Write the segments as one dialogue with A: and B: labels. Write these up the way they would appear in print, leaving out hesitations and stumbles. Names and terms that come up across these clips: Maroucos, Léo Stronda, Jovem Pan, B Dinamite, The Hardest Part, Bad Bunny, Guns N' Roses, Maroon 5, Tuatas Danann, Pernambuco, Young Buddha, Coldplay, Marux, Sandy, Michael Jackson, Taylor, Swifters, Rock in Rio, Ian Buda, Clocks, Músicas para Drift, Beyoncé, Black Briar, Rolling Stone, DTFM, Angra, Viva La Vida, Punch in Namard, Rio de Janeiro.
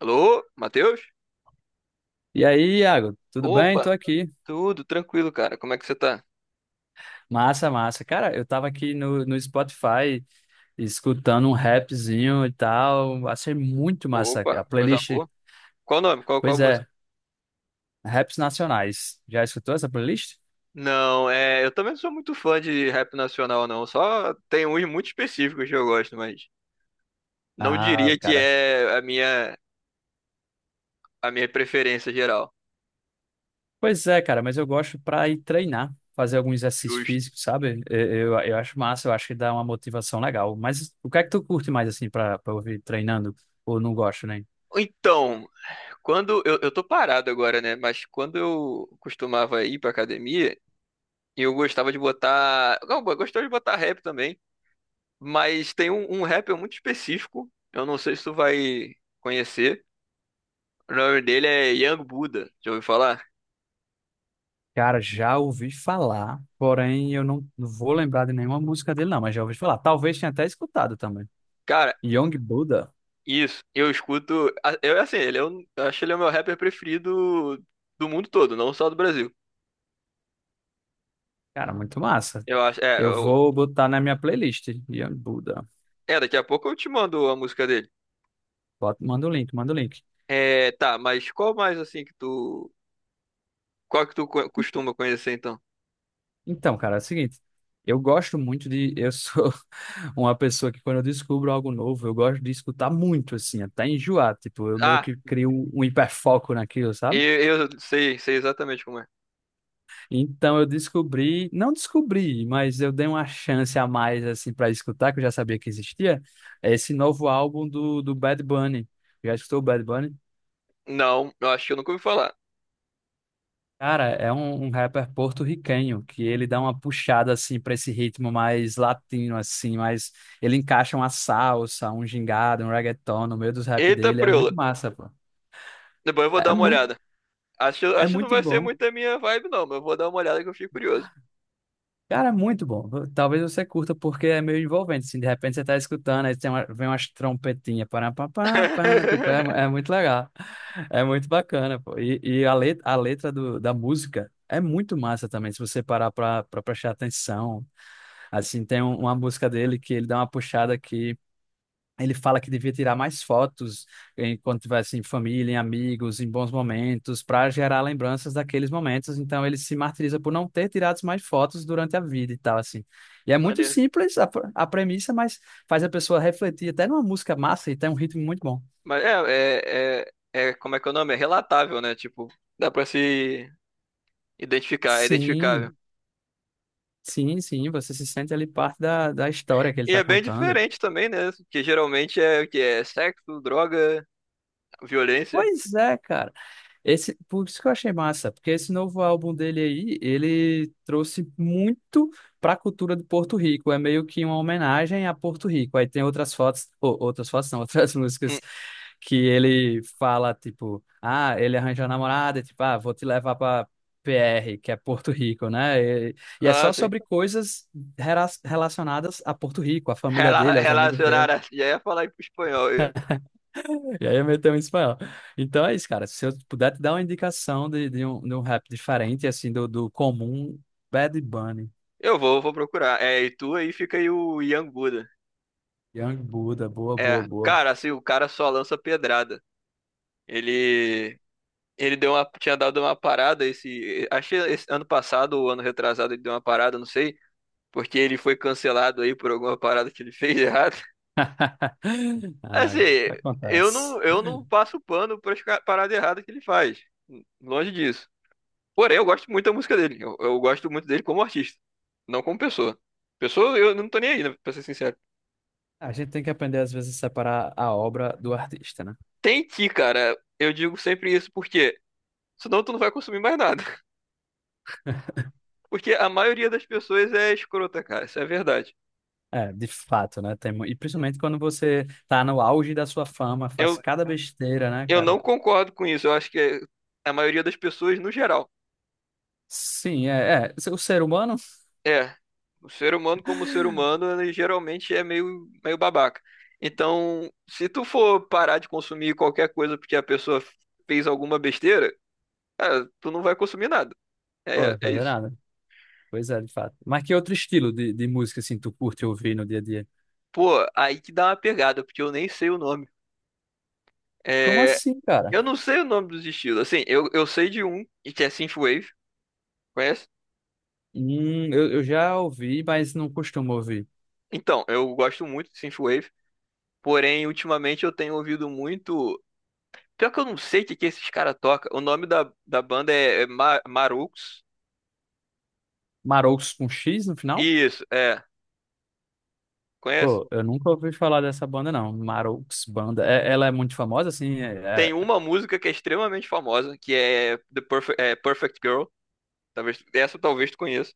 A: Alô, Matheus?
B: E aí, Iago, tudo bem? Tô
A: Opa,
B: aqui.
A: tudo tranquilo, cara. Como é que você tá?
B: Massa, massa. Cara, eu tava aqui no Spotify escutando um rapzinho e tal. Achei muito massa
A: Opa,
B: a
A: coisa
B: playlist.
A: boa. Qual o nome? Qual
B: Pois
A: a música?
B: é, raps nacionais. Já escutou essa playlist?
A: Não, eu também não sou muito fã de rap nacional, não. Só tem uns muito específicos que eu gosto, mas não
B: Ah,
A: diria que
B: cara.
A: é a minha preferência geral.
B: Pois é, cara, mas eu gosto pra ir treinar, fazer algum exercício
A: Justo.
B: físico, sabe? Eu acho massa, eu acho que dá uma motivação legal. Mas o que é que tu curte mais, assim, pra ouvir treinando? Ou não gosto, né?
A: Então, quando eu tô parado agora, né? Mas quando eu costumava ir pra academia, eu gostava de botar. Não, eu gostava de botar rap também. Mas tem um rapper muito específico. Eu não sei se tu vai conhecer. O nome dele é Young Buddha. Já ouviu falar?
B: Cara, já ouvi falar, porém eu não vou lembrar de nenhuma música dele, não, mas já ouvi falar. Talvez tenha até escutado também.
A: Cara,
B: Young Buddha,
A: isso. Eu escuto. Eu, assim, eu acho ele é o meu rapper preferido do mundo todo, não só do Brasil.
B: cara, muito massa.
A: Eu acho.
B: Eu vou botar na minha playlist, Young Buddha.
A: Daqui a pouco eu te mando a música dele.
B: Bota, manda o link, manda o link.
A: É, tá, mas qual mais assim que tu. Qual que tu costuma conhecer então?
B: Então, cara, é o seguinte, eu gosto muito de. Eu sou uma pessoa que quando eu descubro algo novo, eu gosto de escutar muito, assim, até enjoar. Tipo, eu meio
A: Ah,
B: que crio um hiperfoco naquilo, sabe?
A: eu sei exatamente como é.
B: Então eu descobri, não descobri, mas eu dei uma chance a mais assim para escutar, que eu já sabia que existia, é esse novo álbum do Bad Bunny. Já escutou o Bad Bunny?
A: Não, eu acho que eu nunca ouvi falar.
B: Cara, é um rapper porto-riquenho que ele dá uma puxada assim para esse ritmo mais latino assim, mas ele encaixa uma salsa, um gingado, um reggaeton no meio dos rap
A: Eita,
B: dele, é
A: preula.
B: muito massa, pô.
A: Depois eu vou
B: É
A: dar uma
B: muito,
A: olhada. Acho,
B: é
A: acho que não
B: muito
A: vai ser
B: bom.
A: muito a minha vibe, não, mas eu vou dar uma olhada que eu fiquei curioso.
B: Cara, muito bom. Talvez você curta porque é meio envolvente. Assim, de repente você tá escutando, aí vem umas trompetinhas, para pá, pá, pá, tipo, é muito legal. É muito bacana, pô. E a letra da música é muito massa também, se você parar pra prestar atenção. Assim, uma música dele que ele dá uma puxada aqui. Ele fala que devia tirar mais fotos enquanto tivesse em família, em amigos, em bons momentos, para gerar lembranças daqueles momentos. Então ele se martiriza por não ter tirado mais fotos durante a vida e tal assim. E é muito
A: Maneiro.
B: simples a premissa, mas faz a pessoa refletir até numa música massa e tem um ritmo muito bom.
A: Mas como é que é o nome? É relatável, né? Tipo, dá pra se identificar, é identificável.
B: Sim, sim, sim. Você se sente ali parte da história que ele
A: E
B: está
A: é bem
B: contando.
A: diferente também, né? Que geralmente é o que é sexo, droga, violência.
B: Pois é, cara. Esse, por isso que eu achei massa, porque esse novo álbum dele aí, ele trouxe muito para a cultura de Porto Rico, é meio que uma homenagem a Porto Rico. Aí tem outras fotos, ou outras fotos não, outras músicas
A: Hum.
B: que ele fala, tipo, ah, ele arranjou a namorada, e tipo, ah, vou te levar para PR, que é Porto Rico, né? E, e é
A: Ah,
B: só
A: sim.
B: sobre coisas relacionadas a Porto Rico, a família dele, aos amigos dele.
A: Relacionar assim. Já ia falar em espanhol.
B: E aí eu meto um espanhol. Então é isso, cara. Se eu puder te dar uma indicação de um rap diferente, assim, do comum, Bad Bunny,
A: Eu vou procurar. É, e tu aí fica aí o Ian Buda.
B: Young Buddha, boa, boa,
A: É,
B: boa.
A: cara, assim, o cara só lança pedrada. Ele Ele deu uma, tinha dado uma parada esse, acho que esse ano passado ou ano retrasado ele deu uma parada, não sei, porque ele foi cancelado aí por alguma parada que ele fez errado. Assim,
B: Ai, o que
A: eu
B: acontece?
A: não, eu não passo pano para as paradas erradas que ele faz, longe disso. Porém, eu gosto muito da música dele. Eu gosto muito dele como artista, não como pessoa. Pessoa, eu não tô nem aí, né, pra ser sincero.
B: A gente tem que aprender, às vezes, a separar a obra do artista, né?
A: Tem que, cara, eu digo sempre isso porque senão tu não vai consumir mais nada. Porque a maioria das pessoas é escrota, cara, isso é verdade.
B: É, de fato, né? E principalmente quando você tá no auge da sua fama,
A: Eu
B: faz cada besteira, né,
A: Eu
B: cara?
A: não concordo com isso. Eu acho que é, a maioria das pessoas, no geral,
B: Sim, é, é. O ser humano,
A: é. O ser humano, como ser humano, ele geralmente é meio babaca. Então, se tu for parar de consumir qualquer coisa porque a pessoa fez alguma besteira, cara, tu não vai consumir nada.
B: pô,
A: É,
B: vai
A: é
B: fazer
A: isso.
B: nada. Pois é, de fato. Mas que outro estilo de música, assim, tu curte ouvir no dia a dia?
A: Pô, aí que dá uma pegada, porque eu nem sei o nome.
B: Como
A: É,
B: assim, cara?
A: eu não sei o nome dos estilos. Assim, eu sei de um, que é Synthwave, conhece?
B: Eu já ouvi, mas não costumo ouvir.
A: Então, eu gosto muito de Synthwave, porém, ultimamente eu tenho ouvido muito. Pior que eu não sei o que, que esses caras tocam. O nome da banda é Marux.
B: Maroucos com X no final?
A: Isso, é. Conhece?
B: Pô, eu nunca ouvi falar dessa banda, não. Maroucos Banda. É- ela é muito famosa, assim,
A: Tem uma música que é extremamente famosa, que é Perfect Girl. Talvez, essa talvez tu conheça.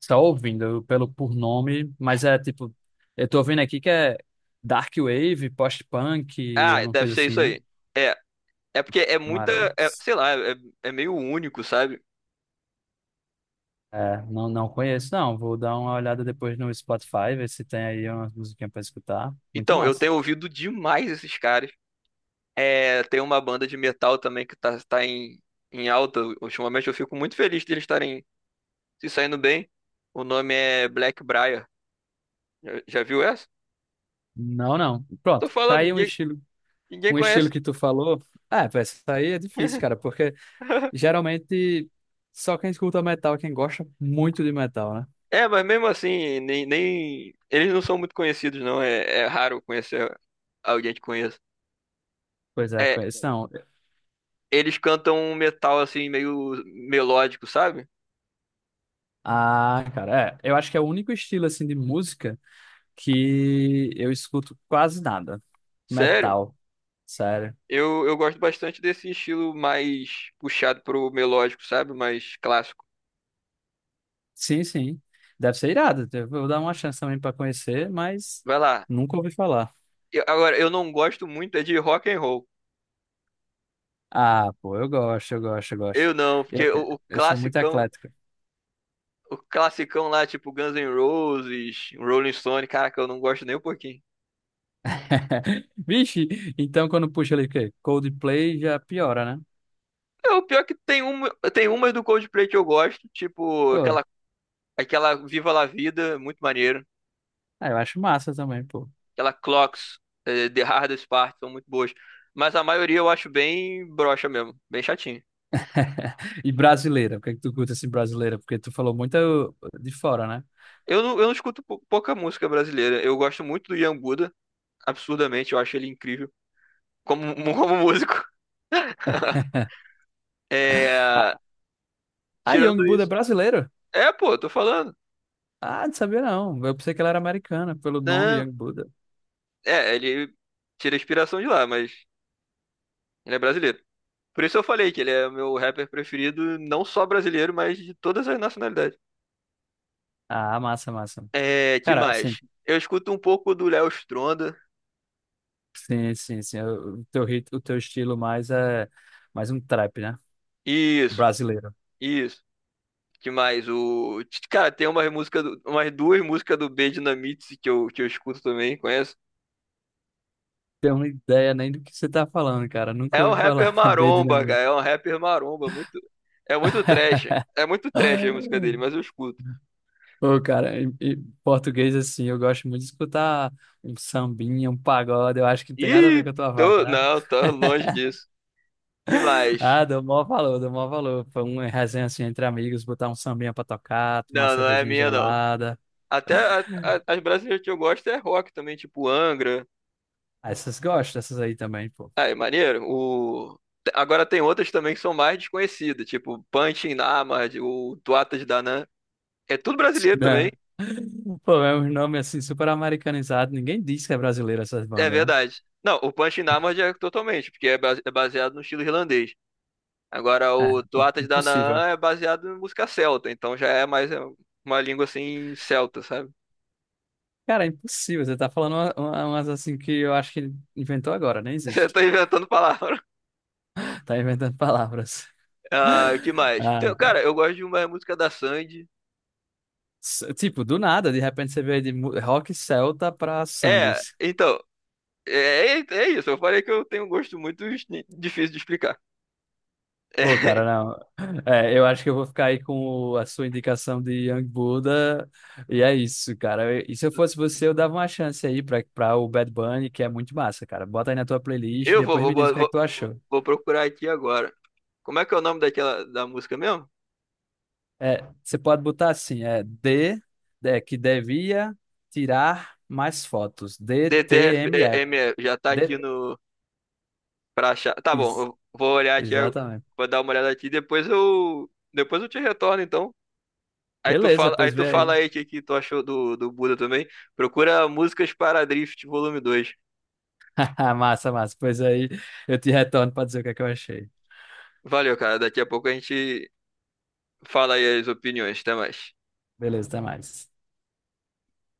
B: só ouvindo pelo por nome, mas é tipo, eu tô ouvindo aqui que é Dark Wave, post-punk, é
A: Ah,
B: uma
A: deve
B: coisa
A: ser
B: assim,
A: isso
B: né?
A: aí. É. É porque é muita. é,
B: Maroucos.
A: sei lá, é, é meio único, sabe?
B: É, não, não conheço, não. Vou dar uma olhada depois no Spotify, ver se tem aí uma musiquinha pra escutar. Muito
A: Então, eu
B: massa.
A: tenho ouvido demais esses caras. É, tem uma banda de metal também que tá em, em alta ultimamente. Eu fico muito feliz de eles estarem se saindo bem. O nome é Black Briar. Já viu essa?
B: Não, não.
A: Tô
B: Pronto. Tá
A: falando,
B: aí um estilo.
A: ninguém
B: Um estilo
A: conhece.
B: que tu falou, é pô, essa aí é difícil, cara, porque geralmente só quem escuta metal é quem gosta muito de metal, né?
A: É, mas mesmo assim, eles não são muito conhecidos, não. É, é raro conhecer alguém que conheça.
B: Pois é,
A: É,
B: conheço. Não,
A: eles cantam um metal assim, meio melódico, sabe?
B: ah, cara, é, eu acho que é o único estilo, assim, de música que eu escuto quase nada.
A: Sério?
B: Metal, sério.
A: Eu gosto bastante desse estilo mais puxado pro melódico, sabe? Mais clássico.
B: Sim, sim, deve ser irado, eu vou dar uma chance também pra conhecer, mas
A: Vai lá.
B: nunca ouvi falar.
A: Agora, eu não gosto muito é de rock and roll.
B: Ah, pô, eu gosto, eu gosto, eu gosto.
A: Eu não,
B: Eu,
A: porque o, o
B: eu sou muito
A: classicão
B: eclético.
A: O classicão lá, tipo Guns N' Roses, Rolling Stone, caraca, eu não gosto nem um pouquinho.
B: Vixe, então quando puxa ali o quê? Coldplay já piora, né?
A: É, o pior é que tem umas do Coldplay que eu gosto, tipo
B: Pô,
A: aquela, aquela Viva La Vida, muito maneiro.
B: ah, eu acho massa também, pô.
A: Aquela Clocks, eh, The Hardest Part, são muito boas. Mas a maioria eu acho bem broxa mesmo, bem chatinho.
B: E brasileira, o que é que tu curta assim brasileira? Porque tu falou muito de fora, né?
A: Eu não escuto pouca música brasileira. Eu gosto muito do Ian Buda, absurdamente, eu acho ele incrível como músico.
B: Ah,
A: É,
B: ah, Young
A: tirando
B: Buddha é
A: isso.
B: brasileiro?
A: É, pô, tô falando.
B: Ah, não sabia não. Eu pensei que ela era americana, pelo nome Young Buddha.
A: É, ele tira inspiração de lá, mas ele é brasileiro. Por isso eu falei que ele é meu rapper preferido, não só brasileiro, mas de todas as nacionalidades.
B: Ah, massa, massa.
A: É, que
B: Cara, sim,
A: mais? Eu escuto um pouco do Léo Stronda.
B: sim, sim, sim. O teu rit, o teu estilo mais é mais um trap, né?
A: Isso,
B: Brasileiro.
A: isso. Que mais? O cara tem uma música, umas duas músicas do B Dinamite que eu escuto também, conheço.
B: Tenho uma ideia nem do que você tá falando, cara. Nunca
A: É um
B: ouvi
A: rapper
B: falar. B
A: maromba, cara. É um rapper maromba, muito trash. É muito trash a música dele, mas eu escuto.
B: Ô, cara, em português, assim, eu gosto muito de escutar um sambinha, um pagode. Eu acho que não tem nada a ver
A: Ih,
B: com a tua vibe,
A: tô,
B: né?
A: não, tô longe disso. Que mais?
B: Ah, dou maior valor, dou maior valor. Foi uma resenha, assim, entre amigos, botar um sambinha pra tocar, tomar uma
A: Não, não é
B: cervejinha
A: minha, não.
B: gelada.
A: Até as brasileiras que eu gosto é rock também, tipo Angra.
B: Ah, essas gostam, essas aí também, pô.
A: Ai, maneiro. Agora tem outras também que são mais desconhecidas, tipo Punch in Namard, o Tuatas Danann. É tudo brasileiro também,
B: Né? Pô, é um nome, assim, super americanizado. Ninguém diz que é brasileiro essas
A: é
B: bandas, né?
A: verdade. Não, o Punch in Namard é totalmente, porque é é baseado no estilo irlandês. Agora,
B: É,
A: o Tuatas
B: impossível.
A: Danann é baseado em música celta, então já é uma língua assim celta, sabe?
B: Cara, é impossível. Você tá falando umas assim que eu acho que inventou agora, nem
A: Você
B: existe.
A: tá inventando palavra.
B: Tá inventando palavras.
A: Ah, que mais?
B: Ah,
A: Então,
B: cara.
A: cara, eu gosto de uma música da Sandy.
B: Tipo, do nada, de repente você veio de rock celta pra
A: É,
B: Sandes.
A: então, é, é isso. Eu falei que eu tenho um gosto muito difícil de explicar. É,
B: Pô, cara, não. É, eu acho que eu vou ficar aí com a sua indicação de Young Buddha. E é isso, cara. E se eu fosse você, eu dava uma chance aí pra, pra o Bad Bunny, que é muito massa, cara. Bota aí na tua playlist e
A: eu vou,
B: depois
A: vou,
B: me diz o
A: vou,
B: que é
A: vou
B: que tu achou.
A: vou procurar aqui agora. Como é que é o nome daquela da música mesmo?
B: É, você pode botar assim, é D, é, que devia tirar mais fotos. DTMF.
A: DTFM já tá aqui
B: D,
A: no pra achar. Tá bom,
B: ex-
A: eu vou olhar aqui,
B: exatamente.
A: vou dar uma olhada aqui, depois eu te retorno então.
B: Beleza,
A: Aí
B: pois
A: tu
B: vê aí.
A: fala aí o que, que tu achou do Buda também. Procura Músicas para Drift, volume 2.
B: Massa, massa. Pois aí eu te retorno para dizer o que é que eu achei.
A: Valeu, cara. Daqui a pouco a gente fala aí as opiniões. Até mais.
B: Beleza, até mais.